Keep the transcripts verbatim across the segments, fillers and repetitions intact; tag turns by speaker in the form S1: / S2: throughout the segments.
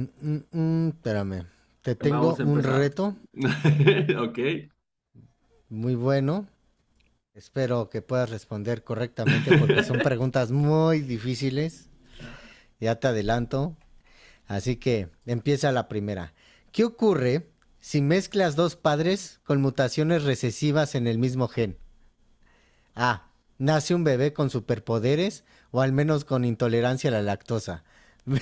S1: Mm, mm, mm, espérame. Te tengo
S2: Vamos a
S1: un
S2: empezar.
S1: reto
S2: Ok.
S1: muy bueno. Espero que puedas responder correctamente porque son preguntas muy difíciles. Ya te adelanto. Así que empieza la primera. ¿Qué ocurre si mezclas dos padres con mutaciones recesivas en el mismo gen? A. Nace un bebé con superpoderes o al menos con intolerancia a la lactosa. B.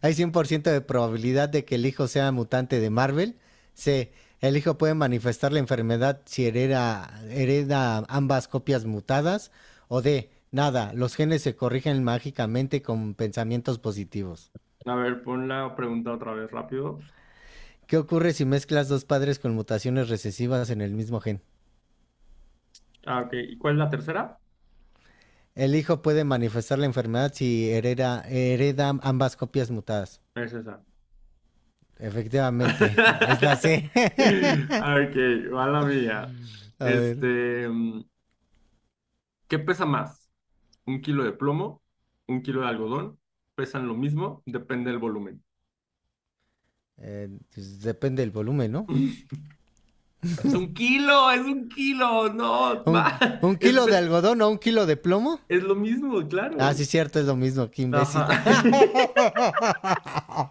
S1: Hay cien por ciento de probabilidad de que el hijo sea mutante de Marvel. C. El hijo puede manifestar la enfermedad si hereda, hereda ambas copias mutadas. O D. Nada, los genes se corrigen mágicamente con pensamientos positivos.
S2: A ver, pon la pregunta otra vez rápido.
S1: ¿Qué ocurre si mezclas dos padres con mutaciones recesivas en el mismo gen?
S2: Ah, ok. ¿Y cuál es la tercera?
S1: El hijo puede manifestar la enfermedad si hereda, hereda ambas copias mutadas.
S2: Es esa.
S1: Efectivamente, es la C.
S2: Ok, va la mía.
S1: A ver,
S2: Este, mm, ¿qué pesa más? ¿Un kilo de plomo? ¿Un kilo de algodón? ¿Pesan lo mismo? Depende del volumen.
S1: eh, pues depende del volumen, ¿no?
S2: Es un kilo, es un kilo, no, ma-
S1: ¿Un, un
S2: es,
S1: kilo de
S2: pe-
S1: algodón o un kilo de plomo?
S2: es lo mismo,
S1: Ah, sí,
S2: claro.
S1: cierto, es lo mismo, qué
S2: Ajá.
S1: imbécil.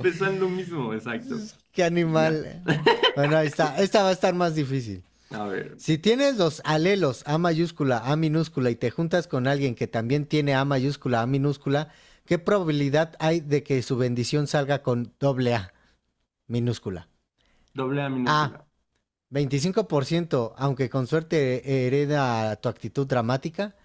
S2: Pesan lo mismo, exacto.
S1: Qué
S2: Ya.
S1: animal. Bueno, ahí está. Esta va a estar más difícil.
S2: A ver,
S1: Si tienes los alelos A mayúscula, A minúscula y te juntas con alguien que también tiene A mayúscula, A minúscula, ¿qué probabilidad hay de que su bendición salga con doble A minúscula?
S2: doble A
S1: A,
S2: minúscula,
S1: Veinticinco por ciento, aunque con suerte eh, hereda tu actitud dramática.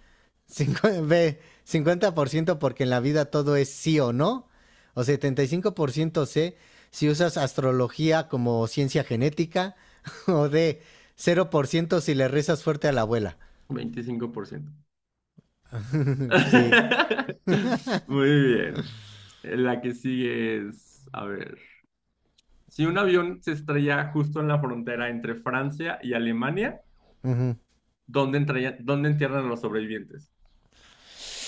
S1: Cincuenta por ciento porque en la vida todo es sí o no. O setenta y cinco por ciento C si usas astrología como ciencia genética. O D cero por ciento si le rezas fuerte a la abuela.
S2: veinticinco por ciento.
S1: Sí.
S2: Muy bien. La que sigue es, a ver, si un avión se estrella justo en la frontera entre Francia y Alemania,
S1: Ujú.
S2: ¿dónde, entra- ¿dónde entierran a los sobrevivientes?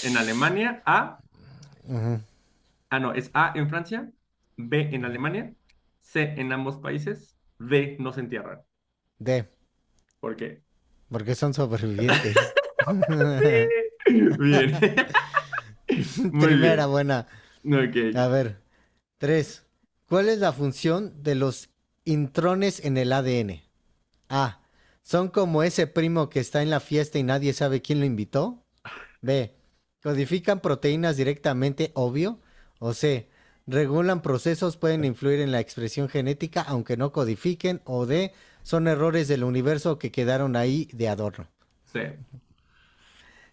S2: En Alemania, A, ah, no, es A en Francia, B en Alemania, C en ambos países, D no se entierran.
S1: D
S2: ¿Por qué?
S1: porque son sobrevivientes.
S2: Sí. Bien. Muy
S1: Primera
S2: bien.
S1: buena.
S2: Ok.
S1: A ver. Tres. ¿Cuál es la función de los intrones en el A D N? A. Son como ese primo que está en la fiesta y nadie sabe quién lo invitó. B. Codifican proteínas directamente, obvio. O C. Regulan procesos, pueden influir en la expresión genética, aunque no codifiquen. O D. Son errores del universo que quedaron ahí de adorno.
S2: Sí.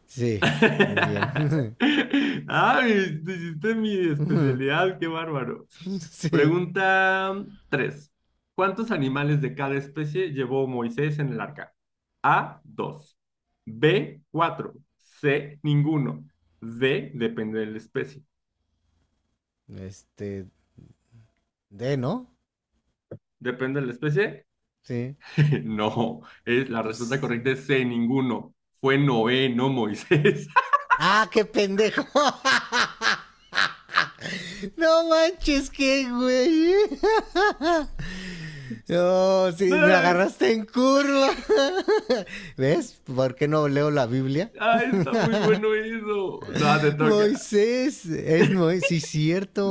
S1: Sí, muy
S2: Ay,
S1: bien.
S2: hiciste mi especialidad, qué bárbaro.
S1: Sí.
S2: Pregunta tres. ¿Cuántos animales de cada especie llevó Moisés en el arca? A, dos; B, cuatro; C, ninguno. D, depende de la especie.
S1: Este. D, ¿no?
S2: ¿Depende de la especie?
S1: Sí.
S2: No, es, la respuesta
S1: Pues...
S2: correcta es C, ninguno. Fue Noé, no Moisés.
S1: ¡Ah, qué pendejo! No manches, qué güey. No, oh, sí, me
S2: Ay,
S1: agarraste en curva. ¿Ves? ¿Por qué no leo la Biblia?
S2: ay, está muy bueno eso. No, te toca.
S1: Moisés, es Moisés, sí,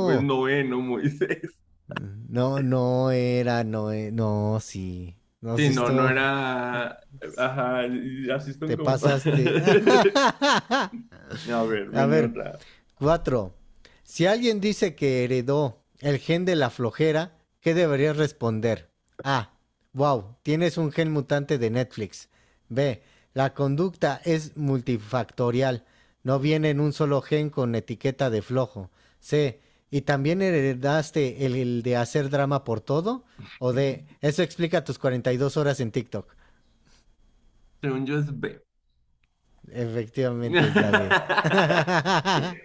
S2: Pues noveno Moisés.
S1: No, no era, no, e- no, sí. No has
S2: Sí, no, no
S1: visto,
S2: era. Ajá, y así son
S1: te
S2: como.
S1: pasaste.
S2: A ver,
S1: A
S2: viene
S1: ver,
S2: otra.
S1: Cuatro. Si alguien dice que heredó el gen de la flojera, ¿qué deberías responder? A. Wow, tienes un gen mutante de Netflix. B. La conducta es multifactorial. No viene en un solo gen con etiqueta de flojo. C. ¿Y también heredaste el, el de hacer drama por todo? O D. Eso explica tus cuarenta y dos horas en TikTok.
S2: Según yo es B.
S1: Efectivamente es la B.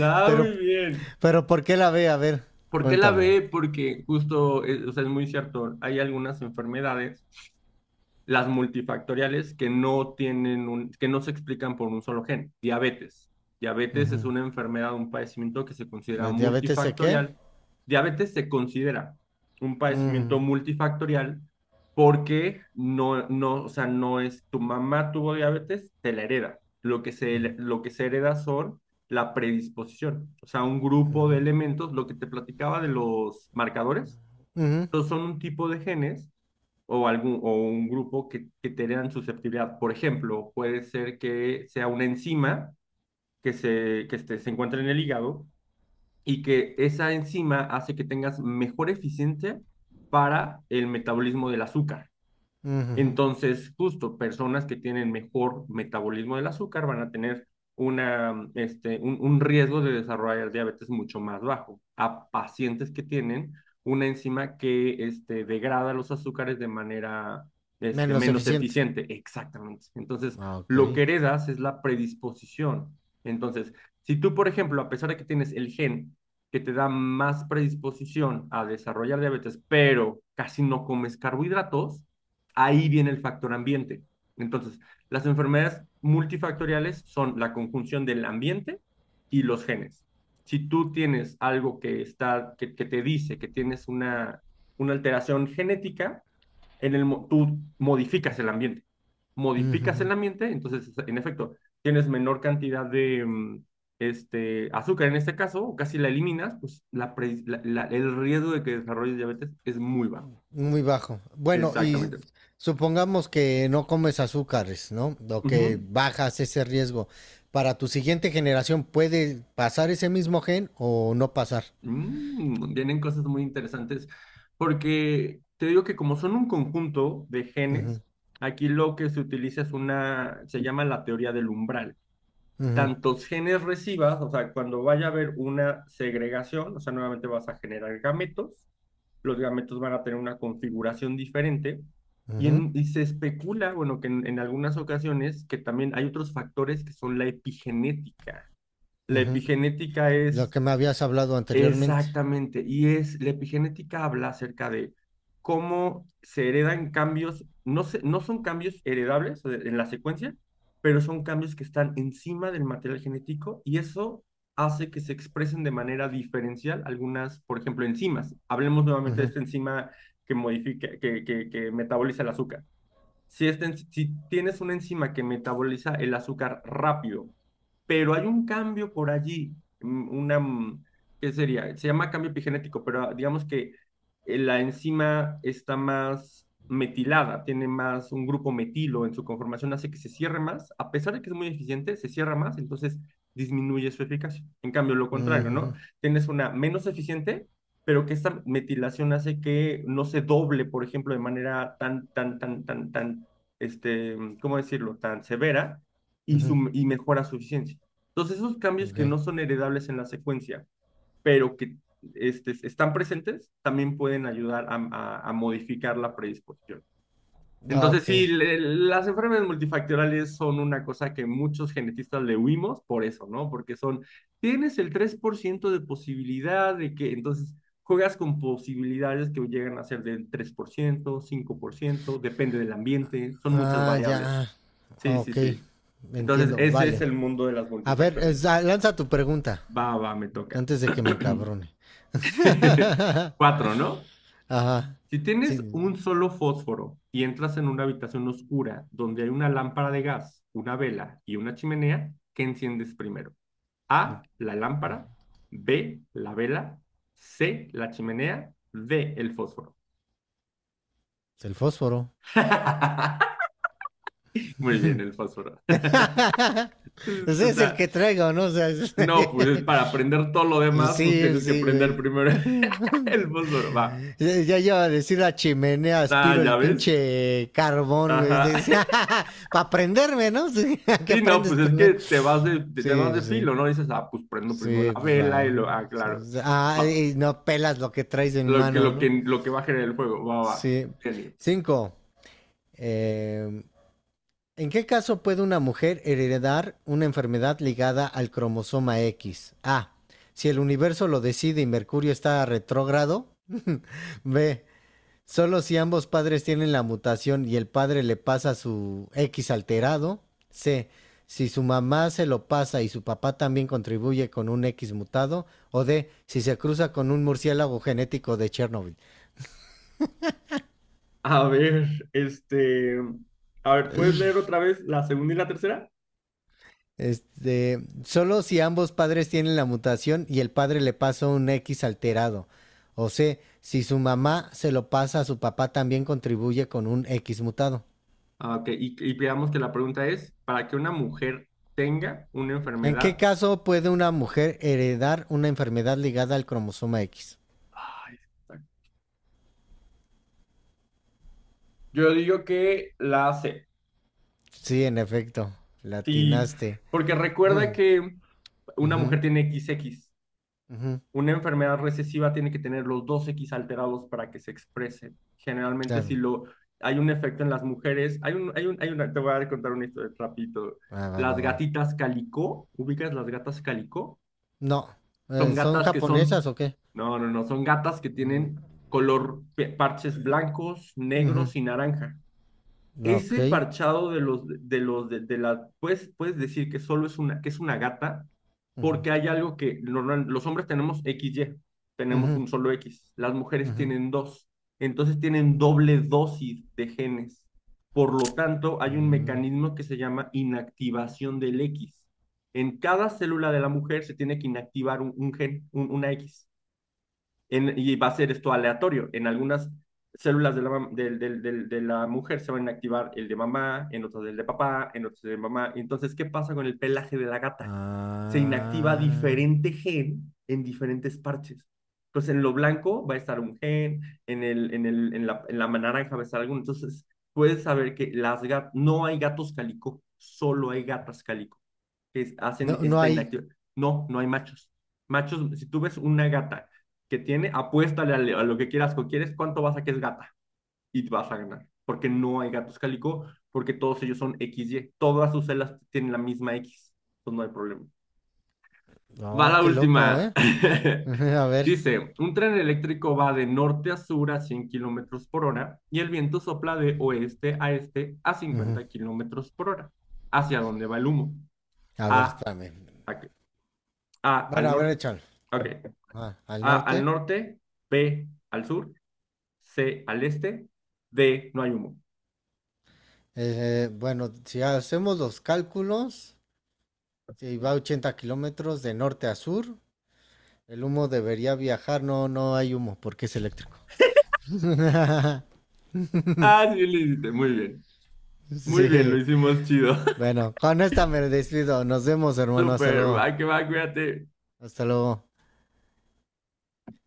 S2: Ah,
S1: pero,
S2: muy bien.
S1: pero ¿por qué la B? A ver,
S2: ¿Por qué la
S1: cuéntame.
S2: B? Porque justo, eh, o sea, es muy cierto, hay algunas enfermedades, las multifactoriales, que no tienen un, que no se explican por un solo gen. Diabetes. Diabetes es
S1: Ujú.
S2: una enfermedad, un padecimiento que se considera
S1: ¿De diabetes de qué?
S2: multifactorial. Diabetes se considera un padecimiento
S1: Ujú,
S2: multifactorial porque no, no, o sea, no es tu mamá tuvo diabetes, te la hereda. Lo que se,
S1: ujú,
S2: lo que se hereda son la predisposición, o sea, un grupo de
S1: ujú,
S2: elementos, lo que te platicaba de los marcadores,
S1: ujú.
S2: entonces son un tipo de genes o, algún, o un grupo que, que tengan susceptibilidad. Por ejemplo, puede ser que sea una enzima que, se, que este, se encuentra en el hígado y que esa enzima hace que tengas mejor eficiencia para el metabolismo del azúcar.
S1: Ujú.
S2: Entonces, justo personas que tienen mejor metabolismo del azúcar van a tener una, este, un, un riesgo de desarrollar diabetes mucho más bajo a pacientes que tienen una enzima que este, degrada los azúcares de manera este,
S1: Menos
S2: menos
S1: eficiente.
S2: eficiente. Exactamente. Entonces,
S1: Ah, ok.
S2: lo que heredas es la predisposición. Entonces, si tú, por ejemplo, a pesar de que tienes el gen que te da más predisposición a desarrollar diabetes, pero casi no comes carbohidratos, ahí viene el factor ambiente. Entonces, las enfermedades multifactoriales son la conjunción del ambiente y los genes. Si tú tienes algo que, está, que, que te dice que tienes una, una alteración genética, en el, tú modificas el ambiente. Modificas
S1: Ujú.
S2: el ambiente, entonces, en efecto, tienes menor cantidad de mm, este, azúcar en este caso, o casi la eliminas, pues la, pre, la, la, el riesgo de que desarrolles diabetes es muy bajo.
S1: Muy bajo. Bueno, y
S2: Exactamente.
S1: supongamos que no comes azúcares, ¿no? O
S2: Uh
S1: que
S2: -huh.
S1: bajas ese riesgo. ¿Para tu siguiente generación puede pasar ese mismo gen o no pasar?
S2: Mm, vienen cosas muy interesantes porque te digo que como son un conjunto de
S1: Ujú,
S2: genes, aquí lo que se utiliza es una, se llama la teoría del umbral.
S1: ujú,
S2: Tantos genes recibas, o sea, cuando vaya a haber una segregación, o sea, nuevamente vas a generar gametos, los gametos van a tener una configuración diferente y,
S1: ujú,
S2: en- y se especula, bueno, que en en algunas ocasiones que también hay otros factores que son la epigenética. La
S1: ujú.
S2: epigenética
S1: Lo
S2: es...
S1: que me habías hablado anteriormente.
S2: Exactamente, y es la epigenética habla acerca de cómo se heredan cambios, no se- no son cambios heredables o de- en la secuencia, pero son cambios que están encima del material genético y eso hace que se expresen de manera diferencial algunas, por ejemplo, enzimas. Hablemos nuevamente de
S1: Ujú,
S2: esta enzima que modifica, que, que, que metaboliza el azúcar. Si, esta en- si tienes una enzima que metaboliza el azúcar rápido pero hay un cambio por allí, mm, una, mm, ¿qué sería? Se llama cambio epigenético, pero ah, digamos que eh, la enzima está más metilada, tiene más un grupo metilo en su conformación, hace que se cierre más, a pesar de que es muy eficiente, se cierra más, entonces disminuye su eficacia. En cambio, lo
S1: ujú,
S2: contrario, ¿no?
S1: ujú,
S2: Tienes una menos eficiente, pero que esta metilación hace que no se doble, por ejemplo, de manera tan, tan, tan, tan, tan, este, ¿cómo decirlo?, tan severa y,
S1: ujú.
S2: su, y mejora su eficiencia. Entonces, esos cambios
S1: Ok.
S2: que no son heredables en la secuencia, pero que este, están presentes, también pueden ayudar a, a, a modificar la predisposición.
S1: Ah,
S2: Entonces,
S1: ok.
S2: sí, le, las enfermedades multifactoriales son una cosa que muchos genetistas le huimos por eso, ¿no? Porque son, tienes el tres por ciento de posibilidad de que, entonces, juegas con posibilidades que llegan a ser del tres por ciento, cinco por ciento, depende del ambiente, son muchas
S1: Ah, ya.
S2: variables. Sí,
S1: Ah,
S2: sí,
S1: ok,
S2: sí. Entonces,
S1: entiendo.
S2: ese es
S1: Vale.
S2: el mundo de las
S1: A ver, es-
S2: multifactoriales.
S1: ah, lanza tu pregunta
S2: Va, va, me toca.
S1: antes de que me encabrone.
S2: Cuatro, ¿no?
S1: Ajá.
S2: Si
S1: Sí,
S2: tienes un solo fósforo y entras en una habitación oscura donde hay una lámpara de gas, una vela y una chimenea, ¿qué enciendes primero? A, la lámpara; B, la vela; C, la chimenea; D, el fósforo.
S1: el fósforo.
S2: Muy bien, el fósforo.
S1: Ese es el
S2: Está...
S1: que traigo, ¿no? O sea, es-
S2: No, pues para aprender todo lo demás, pues
S1: sí,
S2: tienes que
S1: sí,
S2: prender
S1: güey.
S2: primero el fósforo. Va.
S1: Ya, ya iba a decir la chimenea,
S2: Ah,
S1: aspiro
S2: ya
S1: el
S2: ves.
S1: pinche carbón, güey.
S2: Ajá.
S1: Para prenderme, ¿no? Sí, que
S2: Sí, no,
S1: prendes
S2: pues es que
S1: primero.
S2: te vas de, te, te vas
S1: Sí,
S2: de filo,
S1: sí.
S2: ¿no? Dices, ah, pues prendo primero la
S1: Sí, pues
S2: vela y
S1: va.
S2: lo, ah,
S1: Sí,
S2: claro,
S1: sí. Ah,
S2: va,
S1: y no pelas lo que traes en
S2: lo que,
S1: mano,
S2: lo
S1: ¿no?
S2: que, lo que va a generar el fuego, va, va,
S1: Sí.
S2: genio.
S1: Cinco. eh, ¿En qué caso puede una mujer heredar una enfermedad ligada al cromosoma X? A. Si el universo lo decide y Mercurio está retrógrado. B. Solo si ambos padres tienen la mutación y el padre le pasa su X alterado. C. Si su mamá se lo pasa y su papá también contribuye con un X mutado. O D. Si se cruza con un murciélago genético de Chernobyl.
S2: A ver, este, a ver, ¿puedes leer otra vez la segunda y la tercera?
S1: Este, solo si ambos padres tienen la mutación y el padre le pasa un X alterado. O C. Si su mamá se lo pasa a su papá también contribuye con un X mutado.
S2: Ah, ok, y, y veamos que la pregunta es, ¿para que una mujer tenga una
S1: ¿En qué
S2: enfermedad?
S1: caso puede una mujer heredar una enfermedad ligada al cromosoma X?
S2: Ay, está... yo digo que la hace,
S1: Sí, en efecto,
S2: sí,
S1: latinaste.
S2: porque
S1: Mm,
S2: recuerda que una mujer
S1: ujú,
S2: tiene X X.
S1: ujú,
S2: Una enfermedad recesiva tiene que tener los dos X alterados para que se exprese. Generalmente, si
S1: claro.
S2: lo, hay un efecto en las mujeres, hay un, hay un, hay una, te voy a contar una historia rapidito.
S1: Va, va,
S2: Las
S1: va, va.
S2: gatitas calico, ¿ubicas las gatas calico?
S1: No,
S2: Son
S1: eh, ¿son
S2: gatas que son,
S1: japonesas o qué?
S2: no, no, no, son gatas que
S1: Mm,
S2: tienen color, parches blancos,
S1: ujú,
S2: negros y naranja.
S1: ok.
S2: Ese parchado de los, de los, de, de la, puedes, puedes decir que solo es una, que es una gata,
S1: Ujú,
S2: porque hay algo que normal- los hombres tenemos equis Y, tenemos
S1: ujú,
S2: un solo X, las mujeres
S1: ujú.
S2: tienen dos, entonces tienen doble dosis de genes. Por lo tanto, hay un
S1: Mm,
S2: mecanismo que se llama inactivación del X. En cada célula de la mujer se tiene que inactivar un, un gen, un- una X, en, y va a ser esto aleatorio. En algunas células de la, de, de, de de la mujer se van a activar el de mamá, en otras el de papá, en otras el de mamá. Entonces, ¿qué pasa con el pelaje de la gata? Se inactiva
S1: ah,
S2: diferente gen en diferentes parches. Entonces, en lo blanco va a estar un gen, en, el, en, el, en, la, en la naranja va a estar alguno. Entonces, puedes saber que las gat no hay gatos calico, solo hay gatas calico que
S1: no,
S2: hacen
S1: no
S2: esta
S1: hay.
S2: inactividad. No, no hay machos. Machos, si tú ves una gata que tiene, apuéstale a lo que quieras, que quieres, cuánto vas a que es gata y vas a ganar, porque no hay gatos cálico, porque todos ellos son X Y, todas sus celas tienen la misma X, entonces no hay problema. Va
S1: No,
S2: la
S1: qué loco,
S2: última.
S1: ¿eh? Ujú, a ver.
S2: Dice, un tren eléctrico va de norte a sur a cien kilómetros por hora y el viento sopla de oeste a este a
S1: Ujú,
S2: cincuenta kilómetros por hora. ¿Hacia dónde va el humo?
S1: a ver,
S2: A,
S1: espérame.
S2: a, A
S1: Bueno,
S2: al
S1: a ver,
S2: norte.
S1: échalo.
S2: Okay.
S1: Ah, al
S2: A al
S1: norte.
S2: norte, B al sur, C al este, D no hay humo.
S1: Eh, bueno, si hacemos los cálculos, si va ochenta kilómetros de norte a sur. El humo debería viajar, no, no hay humo porque es eléctrico.
S2: Ah, sí, lo hiciste. Muy bien. Muy bien, lo
S1: Sí.
S2: hicimos chido.
S1: Bueno, con esta me despido. Nos vemos, hermano. Hasta
S2: Súper. Va
S1: luego.
S2: que va, cuídate.
S1: Hasta luego.